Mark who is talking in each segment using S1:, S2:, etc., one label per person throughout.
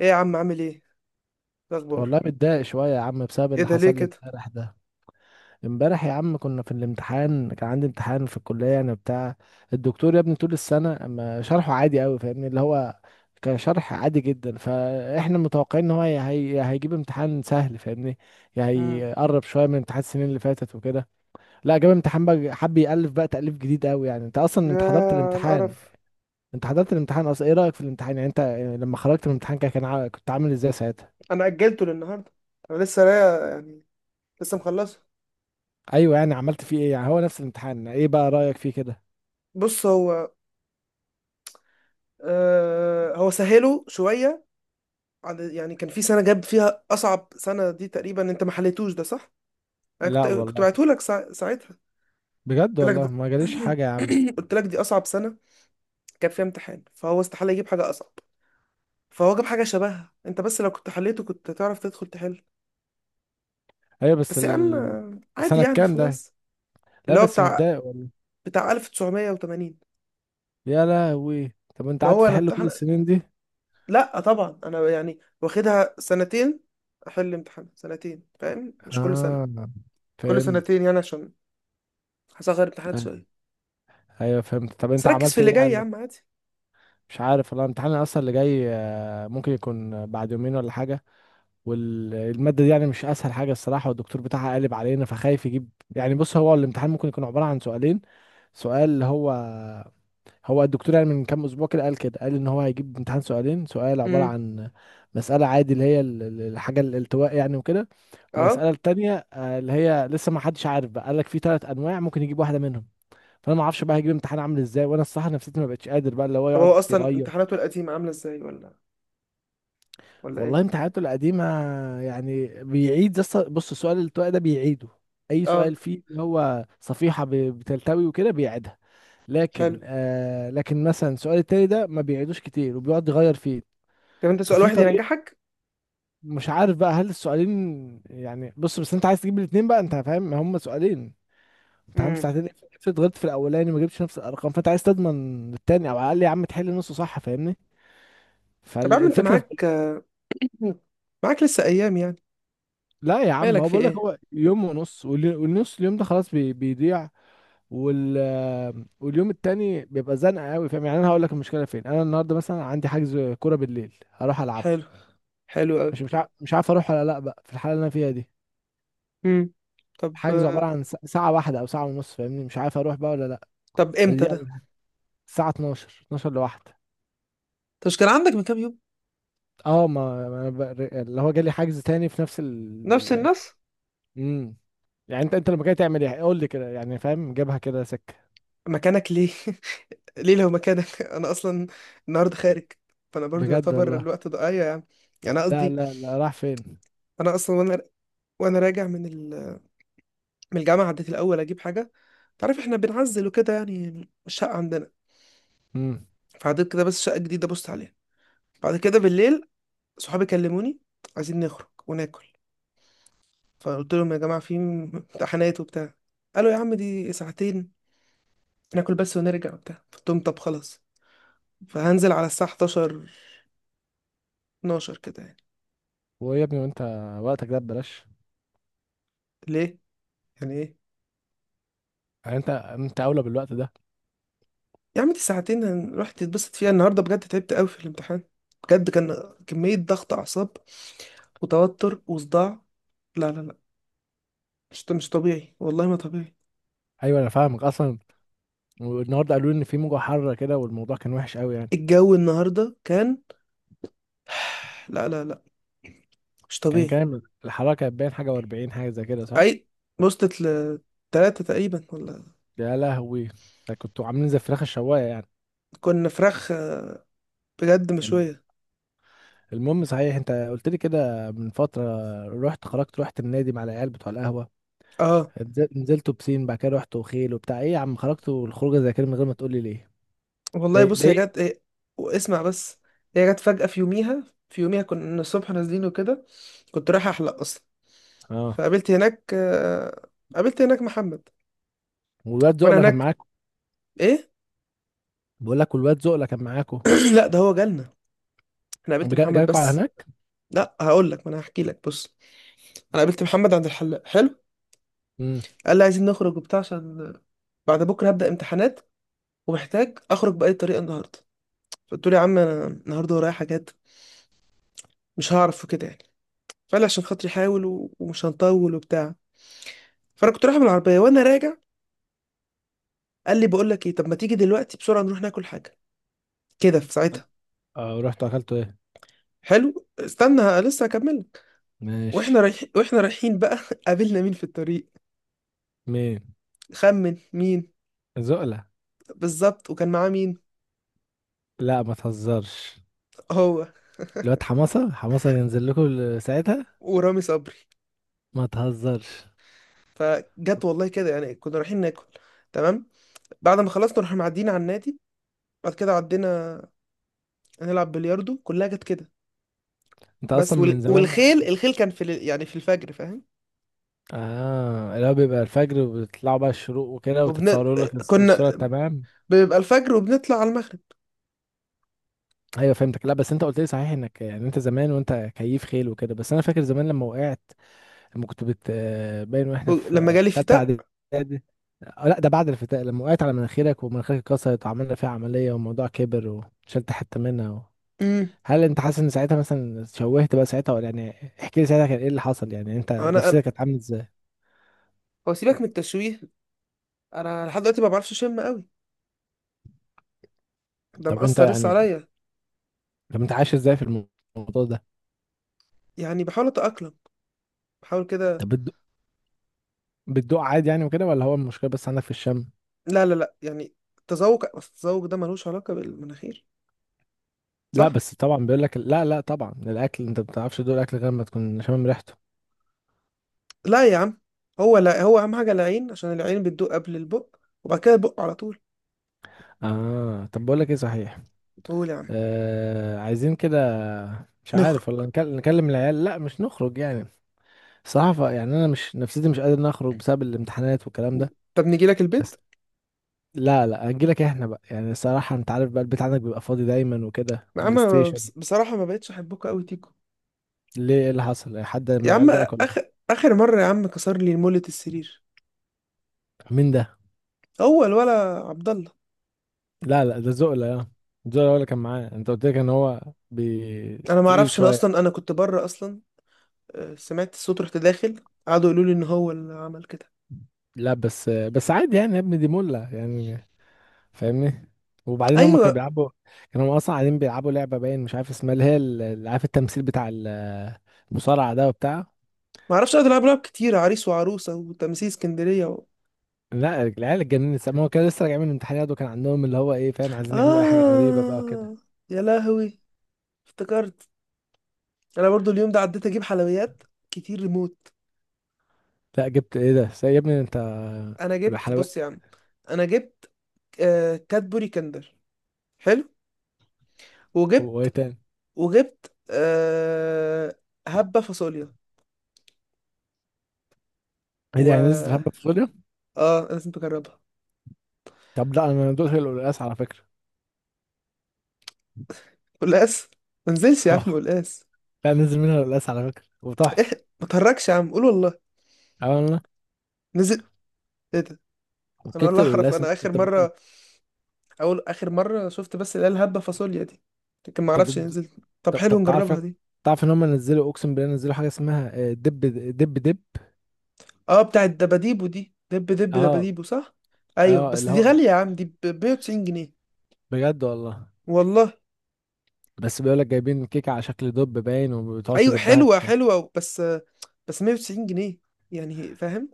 S1: ايه يا عم، عامل ايه؟ إيه الاخبار؟
S2: والله متضايق شوية يا عم بسبب
S1: ايه
S2: اللي
S1: ده؟ ليه
S2: حصل لي
S1: كده؟
S2: امبارح ده. امبارح يا عم كنا في الامتحان، كان عندي امتحان في الكلية يعني بتاع الدكتور يا ابني. طول السنة ما شرحه عادي قوي فاهمني، اللي هو كان شرح عادي جدا، فاحنا متوقعين ان هو هي هي- يا هيجيب امتحان سهل فاهمني، يعني
S1: مم.
S2: هيقرب شوية من امتحان السنين اللي فاتت وكده. لا، جاب امتحان بقى، حب يألف بقى تأليف جديد قوي. يعني انت اصلا
S1: يا على القرف
S2: انت حضرت الامتحان اصلا، ايه رأيك في الامتحان؟ يعني انت لما خرجت من الامتحان كنت عامل ازاي ساعتها؟
S1: انا اجلته للنهارده. انا لسه، لا يعني لسه مخلصه.
S2: ايوه يعني عملت فيه ايه؟ يعني هو نفس الامتحان، ايه بقى رأيك فيه كده؟
S1: بص، هو آه هو سهله شويه عن، يعني كان في سنه جاب فيها اصعب سنه دي تقريبا. انت ما حليتوش ده، صح؟ انا كنت
S2: لا
S1: كنت
S2: والله.
S1: بعته لك ساعتها.
S2: بجد
S1: قلت لك
S2: والله
S1: ده-
S2: ما جاليش حاجة يا عم.
S1: قلت لك دي اصعب سنه كان فيها امتحان، فهو استحاله يجيب حاجه اصعب. فهو جاب حاجه شبهها انت، بس لو كنت حليته كنت تعرف تدخل تحل.
S2: ايوه بس
S1: بس يا عم، عادي
S2: سنة
S1: يعني،
S2: كام ده؟
S1: خلاص.
S2: لا
S1: اللي هو
S2: بس
S1: بتاع،
S2: متضايق والله.
S1: بتاع 1980.
S2: يا لهوي، طب انت
S1: ما
S2: قعدت
S1: هو انا
S2: تحل كل
S1: امتحن،
S2: السنين دي؟
S1: لا طبعا انا يعني واخدها سنتين، احل امتحان سنتين، فاهم؟ مش كل سنه،
S2: اه
S1: كل
S2: فهمت.
S1: سنتين يعني، عشان هصغر امتحانات
S2: آه،
S1: شويه.
S2: ايوه فهمت. طب
S1: بس
S2: انت
S1: ركز في
S2: عملت
S1: اللي
S2: ايه
S1: جاي يا
S2: يعني؟
S1: عم، عادي.
S2: مش عارف والله الامتحان اصلا اللي جاي. ممكن يكون بعد يومين ولا حاجه. والماده دي يعني مش اسهل حاجه الصراحه، والدكتور بتاعها قالب علينا، فخايف يجيب. يعني بص، هو الامتحان ممكن يكون عباره عن سؤالين. سؤال اللي هو الدكتور يعني من كام اسبوع كده قال ان هو هيجيب امتحان سؤالين. سؤال عباره
S1: امم
S2: عن مساله عادي اللي هي الحاجه الالتواء يعني وكده،
S1: اه
S2: ومساله التانية اللي هي لسه ما حدش عارف بقى، قال لك في ثلاث انواع ممكن يجيب واحده منهم. فانا ما اعرفش بقى هيجيب امتحان عامل ازاي، وانا الصراحه نفسيتي ما بقتش قادر بقى اللي هو
S1: طب هو
S2: يقعد
S1: اصلا
S2: يغير.
S1: امتحاناته القديمه عامله ازاي، ولا ولا ايه؟
S2: والله امتحاناته القديمه يعني بيعيد، بص، السؤال الالتواء ده بيعيده، اي
S1: اه
S2: سؤال فيه اللي هو صفيحه بتلتوي وكده بيعيدها.
S1: حلو.
S2: لكن مثلا السؤال التاني ده ما بيعيدوش كتير وبيقعد يغير فيه.
S1: طب انت سؤال
S2: ففي
S1: واحد
S2: طريقة.
S1: ينجحك.
S2: مش عارف بقى، هل السؤالين يعني، بص بس انت عايز تجيب الاتنين بقى، انت فاهم، هم سؤالين، امتحان
S1: امم
S2: بساعتين. افرض غلطت في الاولاني ما جبتش نفس الارقام، فانت عايز تضمن التاني، او على الاقل يا عم تحل نصه صح فاهمني.
S1: طب يا عم انت
S2: فالفكرة في...
S1: معاك، معاك لسه ايام يعني؟
S2: لا يا عم،
S1: مالك،
S2: هو
S1: في
S2: بقول لك
S1: ايه؟
S2: هو يوم ونص، والنص اليوم ده خلاص بيضيع، وال... واليوم التاني بيبقى زنقة قوي فاهم. يعني انا هقول لك المشكلة فين: انا النهارده مثلا عندي حجز كورة بالليل هروح العبه.
S1: حلو، حلو قوي.
S2: مش عارف اروح ولا لا بقى في الحالة اللي انا فيها دي.
S1: امم طب،
S2: حجزه عبارة عن ساعة واحدة أو ساعة ونص فاهمني، مش عارف أروح بقى ولا لأ.
S1: طب امتى
S2: دي
S1: ده؟
S2: أول- الساعة 12 12 لواحدة.
S1: انت مش كان عندك من كام يوم؟
S2: اه، ما ما أنا بق- اللي هو جالي حجز تاني في نفس
S1: نفس
S2: ال...
S1: الناس؟
S2: امم يعني انت لما جاي تعمل ايه قول لي كده، يعني فاهم جابها كده سكة.
S1: مكانك، ليه؟ ليه؟ لو مكانك انا اصلا النهارده خارج، فانا برضو
S2: بجد
S1: يعتبر
S2: والله.
S1: الوقت ده، ايوه يعني. يعني انا
S2: لا
S1: قصدي،
S2: لا لا راح فين.
S1: انا اصلا وانا، وانا راجع من من الجامعه عديت الاول اجيب حاجه. تعرف احنا بنعزل وكده يعني الشقه عندنا،
S2: امم
S1: فعديت كده بس شقه جديده بص عليها. بعد كده بالليل صحابي كلموني، عايزين نخرج وناكل. فقلت لهم يا جماعه في امتحانات وبتاع. قالوا يا عم دي ساعتين، ناكل بس ونرجع وبتاع. قلت لهم طب خلاص. فهنزل على الساعه 11، 12 كده يعني.
S2: ويا ابني، وانت وقتك ده ببلاش؟
S1: ليه، يعني ايه؟
S2: يعني انت اولى بالوقت ده.
S1: يا عم دي ساعتين، هنروح تتبسط فيها. النهارده بجد تعبت قوي في الامتحان، بجد كان كمية ضغط أعصاب وتوتر وصداع. لا لا لا، مش طبيعي، والله ما طبيعي.
S2: ايوه انا فاهمك اصلا. والنهارده قالوا لي ان في موجة حارة كده، والموضوع كان وحش قوي يعني.
S1: الجو النهارده كان، لا لا لا، مش
S2: كان
S1: طبيعي.
S2: كام الحرارة؟ كانت باين حاجة و40 حاجة زي كده صح؟
S1: أي، وصلت لتلاتة تقريبا ولا.
S2: يا لهوي، ده كنتوا عاملين زي الفراخ الشوايه يعني.
S1: كنا فراخ بجد
S2: الم-
S1: مشوية.
S2: المهم، صحيح انت قلت لي كده من فتره رحت النادي مع العيال بتوع القهوه،
S1: اه
S2: نزلتوا بسين، بعد كده رحتوا خيل وبتاع، ايه يا عم خرجتوا الخروجه زي كده من غير ما تقول لي ليه؟
S1: والله
S2: ده
S1: بص،
S2: ده
S1: هي
S2: ايه؟
S1: جت ايه؟ واسمع بس. هي جت فجأة في يوميها، في يوميها كنا الصبح نازلين وكده. كنت رايح أحلق أصلا،
S2: اه،
S1: فقابلت هناك، قابلت هناك محمد.
S2: والواد
S1: وانا
S2: زقله كان
S1: هناك،
S2: معاكم؟
S1: ايه؟
S2: بقول لك، والواد زقله كان معاكم؟
S1: لا ده هو جالنا، احنا قابلت محمد
S2: جالكوا على
S1: بس.
S2: هناك؟
S1: لا هقول لك، ما انا هحكي لك. بص، انا قابلت محمد عند الحلاق. حلو.
S2: امم
S1: قال لي عايزين نخرج وبتاع، عشان بعد بكره هبدا امتحانات، ومحتاج اخرج باي طريقه النهارده. فقلت له يا عم انا النهارده ورايا حاجات، مش هعرف وكده يعني. فقال لي عشان خاطري حاول، ومش هنطول وبتاع. فانا كنت رايح بالعربيه، وانا راجع قال لي بقول لك ايه، طب ما تيجي دلوقتي بسرعه نروح ناكل حاجه كده في ساعتها.
S2: اه رحتوا اكلتوا ايه؟
S1: حلو، استنى لسه هكمل.
S2: ماشي.
S1: واحنا رايحين بقى قابلنا مين في الطريق؟
S2: مين؟
S1: خمن مين.
S2: زقله؟
S1: بالظبط. وكان معاه مين؟
S2: لا ما تهزرش.
S1: هو،
S2: الواد حماسه ينزل لكم ساعتها؟
S1: ورامي صبري.
S2: ما تهزرش.
S1: فجت والله كده يعني. كنا رايحين ناكل، تمام. بعد ما خلصنا رحنا معديين على النادي. بعد كده عدينا هنلعب بلياردو، كلها جت كده.
S2: انت
S1: بس
S2: اصلا من زمان.
S1: والخيل، الخيل كان في يعني في الفجر، فاهم؟
S2: اه، اللي هو بيبقى الفجر وبيطلعوا بقى الشروق وكده
S1: وبن...
S2: وتتصوروا لك
S1: كنا
S2: الصورة تمام.
S1: بيبقى الفجر وبنطلع على المغرب.
S2: ايوه فهمتك. لا بس انت قلت لي صحيح انك يعني انت زمان وانت كيف خيل وكده، بس انا فاكر زمان لما وقعت، لما كنت بت آه، باين، واحنا
S1: لما
S2: في
S1: جالي
S2: في تالتة
S1: شتاء.
S2: اعدادي. لا ده بعد الفتاة لما وقعت على مناخيرك ومناخيرك اتكسرت، وعملنا فيها عملية والموضوع كبر، وشلت حتة منها
S1: امم
S2: هل انت حاسس ان ساعتها مثلا شوهت بقى ساعتها ولا يعني؟ احكي لي ساعتها كان ايه اللي حصل، يعني انت
S1: انا أنا-
S2: نفسيتك كانت عامله ازاي؟
S1: هو سيبك من التشويه، انا لحد دلوقتي ما بعرفش اشم قوي، ده
S2: طب انت
S1: مأثر لسه
S2: يعني
S1: عليا.
S2: طب انت عايش ازاي في الموضوع ده؟
S1: يعني بحاول اتأقلم، بحاول كده.
S2: طب بتدوق عادي يعني وكده، ولا هو المشكله بس عندك في الشم؟
S1: لا لا لا، يعني التذوق، بس التذوق ده ملوش علاقة بالمناخير،
S2: لا
S1: صح؟
S2: بس طبعا بيقول لك لا، لا طبعا، الاكل انت ما بتعرفش تدوق الاكل غير ما تكون شامم ريحته.
S1: لا يا عم، هو لا هو أهم حاجة العين، عشان العين بتدوق قبل البق، وبعد كده البق على طول.
S2: اه، طب بقول لك ايه صحيح.
S1: قول يا عم.
S2: عايزين كده، مش عارف
S1: نخرج.
S2: ولا نكلم العيال، لا مش نخرج يعني، صحفة يعني انا مش نفسيتي، مش قادر نخرج بسبب الامتحانات والكلام ده
S1: طب نيجي لك البيت.
S2: بس. لا لا هنجيلك احنا بقى، يعني الصراحة انت عارف بقى البيت عندك بيبقى فاضي دايما وكده،
S1: يا
S2: بلاي
S1: عم أنا
S2: ستيشن.
S1: بصراحة ما بقتش أحبكوا أوي تيكو.
S2: ليه، ايه اللي حصل؟ حد من
S1: يا عم،
S2: العيال ضايقك ولا إيه؟
S1: آخر مرة يا عم كسر لي مولة السرير.
S2: مين ده؟
S1: هو الولا، عبد الله.
S2: لا لا ده زقلة اه. زقلة هو اللي كان معاه، انت قلت لك ان هو
S1: أنا ما
S2: تقيل
S1: أعرفش، أنا
S2: شوية.
S1: أصلا أنا كنت بره أصلا. سمعت الصوت رحت داخل، قعدوا يقولوا لي إن هو اللي عمل كده.
S2: لا بس عادي يعني يا ابني، دي ملة يعني فاهمني. وبعدين هم كانوا
S1: ايوه،
S2: بيلعبوا، كانوا اصلا قاعدين بيلعبوا لعبة باين مش عارف اسمها، اللي هي اللي عارف التمثيل بتاع المصارعة ده وبتاع.
S1: ما اعرفش قاعد العب لعب كتير، عريس وعروسه وتمثيل اسكندريه.
S2: لا العيال اتجننت، ما هو كان لسه راجع من الامتحانات، وكان عندهم اللي هو ايه فاهم، عايزين يعملوا اي حاجة غريبة بقى وكده.
S1: آه، يا لهوي افتكرت. أنا برضو اليوم ده عديت أجيب حلويات كتير، ريموت.
S2: لا جبت ايه ده يا ابني انت؟
S1: أنا جبت، بص
S2: الحلويات.
S1: يا عم أنا جبت، آه كادبوري كندر. حلو.
S2: وايه
S1: وجبت،
S2: تاني؟
S1: وجبت آه، هبة فاصوليا.
S2: ايه ده، يعني نزلت
S1: و
S2: حبة فاصوليا؟
S1: آه أنا لازم تجربها.
S2: طب لا انا دقت القلقاس على فكرة.
S1: قلقاس؟ ما نزلش يا عم قلقاس.
S2: لا نزل منها القلاس على فكرة وتحفة.
S1: إيه، ما تهركش يا عم، قول والله.
S2: عملنا
S1: نزل؟ إيه ده؟ أنا ولا
S2: وكيكة
S1: أعرف،
S2: القلاس.
S1: أنا آخر مرة، أول آخر مرة شفت بس اللي هي الهبة فاصوليا دي، لكن ما
S2: انت
S1: أعرفش
S2: بت-
S1: نزلت. طب
S2: طب
S1: حلو،
S2: طب تعرف،
S1: نجربها دي.
S2: ان هم نزلوا، اقسم بالله نزلوا حاجة اسمها دب دب دب.
S1: اه بتاعت دباديبو دي، دب دب
S2: اه
S1: دباديبو، صح؟ ايوه
S2: اه
S1: بس
S2: اللي
S1: دي
S2: هو،
S1: غاليه يا عم، دي ب 190 جنيه.
S2: بجد والله،
S1: والله.
S2: بس بيقول لك جايبين كيكة على شكل دب باين، وبتقعد
S1: ايوه
S2: تدبها
S1: حلوه
S2: في.
S1: حلوه، بس بس 190 جنيه يعني، فاهم؟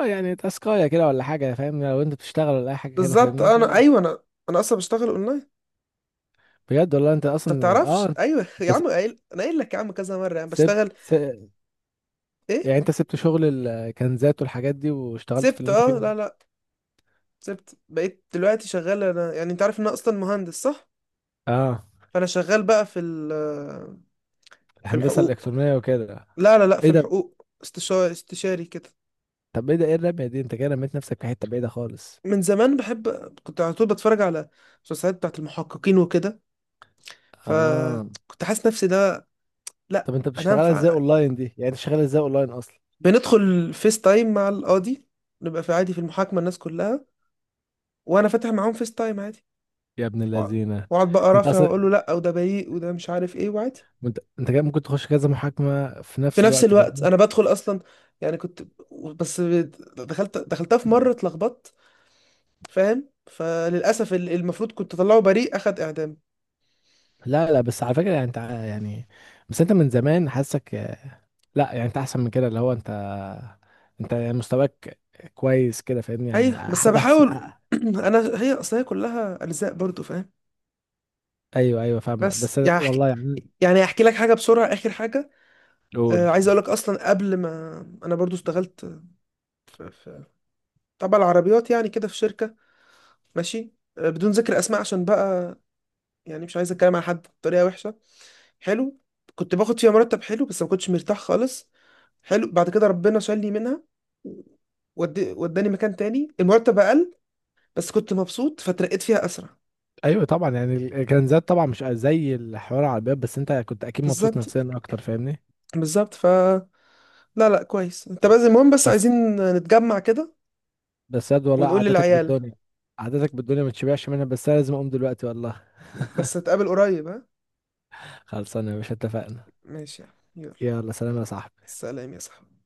S2: اه، يعني تاسكاية كده ولا حاجة فاهمني لو انت بتشتغل ولا اي حاجة كده
S1: بالظبط،
S2: فاهمني.
S1: انا ايوه انا، انا اصلا بشتغل اونلاين.
S2: بجد والله انت
S1: انت
S2: اصلا اه؟
S1: بتعرفش؟ ايوه يا
S2: انت س-
S1: عم قايل، انا قايل لك يا عم كذا مره يعني
S2: سبت
S1: بشتغل.
S2: س...
S1: ايه؟
S2: يعني انت سبت شغل الكنزات والحاجات دي واشتغلت في
S1: سبت،
S2: اللي انت فيه
S1: اه
S2: ده؟
S1: لا لا، سبت بقيت دلوقتي شغال. انا يعني انت عارف ان انا اصلا مهندس، صح؟
S2: اه،
S1: فانا شغال بقى في في
S2: الهندسة
S1: الحقوق.
S2: الإلكترونية وكده؟
S1: لا لا لا، في
S2: ايه ده؟
S1: الحقوق استشاري، استشاري كده.
S2: طب ايه الرمية دي؟ انت كده رميت نفسك في حتة بعيدة خالص.
S1: من زمان بحب، كنت على طول بتفرج على المسلسلات بتاعت المحققين وكده،
S2: اه
S1: فكنت حاسس نفسي ده. لا
S2: طب انت
S1: انا
S2: بتشتغلها ازاي
S1: هنفع.
S2: اونلاين دي؟ يعني انت شغال ازاي اونلاين اصلا؟
S1: بندخل فيس تايم مع القاضي، نبقى في عادي في المحاكمة الناس كلها، وانا فاتح معاهم فيس تايم عادي.
S2: يا ابن
S1: وأ-
S2: اللذينة.
S1: واقعد بقى
S2: انت
S1: رافع واقول
S2: اصلا،
S1: له لا، وده بريء، وده مش عارف ايه، وعادي.
S2: انت كده ممكن تخش كذا محاكمة في
S1: في
S2: نفس
S1: نفس
S2: الوقت
S1: الوقت
S2: فاهمني.
S1: انا بدخل اصلا، يعني كنت، بس دخلتها في مرة اتلخبطت، فاهم؟ فللاسف المفروض كنت اطلعه بريء اخد اعدام.
S2: لا لا بس على فكرة يعني يعني، بس انت من زمان حاسك، لا يعني انت احسن من كده، اللي هو انت، انت يعني مستواك كويس كده فاهمني، يعني
S1: ايوه بس انا
S2: حد احسن.
S1: بحاول انا هي اصل هي كلها اجزاء برضو، فاهم؟
S2: ايوه فاهمك،
S1: بس
S2: بس أنا
S1: يعني احكي،
S2: والله يعني.
S1: يعني احكي لك حاجه بسرعه، اخر حاجه.
S2: قول.
S1: آه عايز اقول لك اصلا قبل ما، انا برضو اشتغلت في، في تبع العربيات يعني كده في شركه. ماشي. آه بدون ذكر اسماء عشان بقى يعني مش عايز اتكلم على حد بطريقه وحشه. حلو. كنت باخد فيها مرتب حلو، بس ما كنتش مرتاح خالص. حلو. بعد كده ربنا شالني منها، ودي وداني مكان تاني المرتب اقل، بس كنت مبسوط فترقيت فيها اسرع.
S2: ايوه طبعا يعني الكنزات طبعا مش زي الحوار على الباب، بس انت كنت اكيد مبسوط
S1: بالظبط،
S2: نفسيا اكتر فاهمني.
S1: بالظبط ف، لا لا كويس انت. بس المهم بس
S2: بس
S1: عايزين نتجمع كده،
S2: بس ياد والله
S1: ونقول
S2: قعدتك
S1: للعيال.
S2: بالدنيا، قعدتك بالدنيا ما تشبعش منها، بس انا لازم اقوم دلوقتي والله.
S1: بس نتقابل قريب، ها.
S2: خلصانه يا باشا، اتفقنا.
S1: ماشي يا عم. يلا.
S2: يلا، سلام يا صاحبي.
S1: سلام يا صاحبي.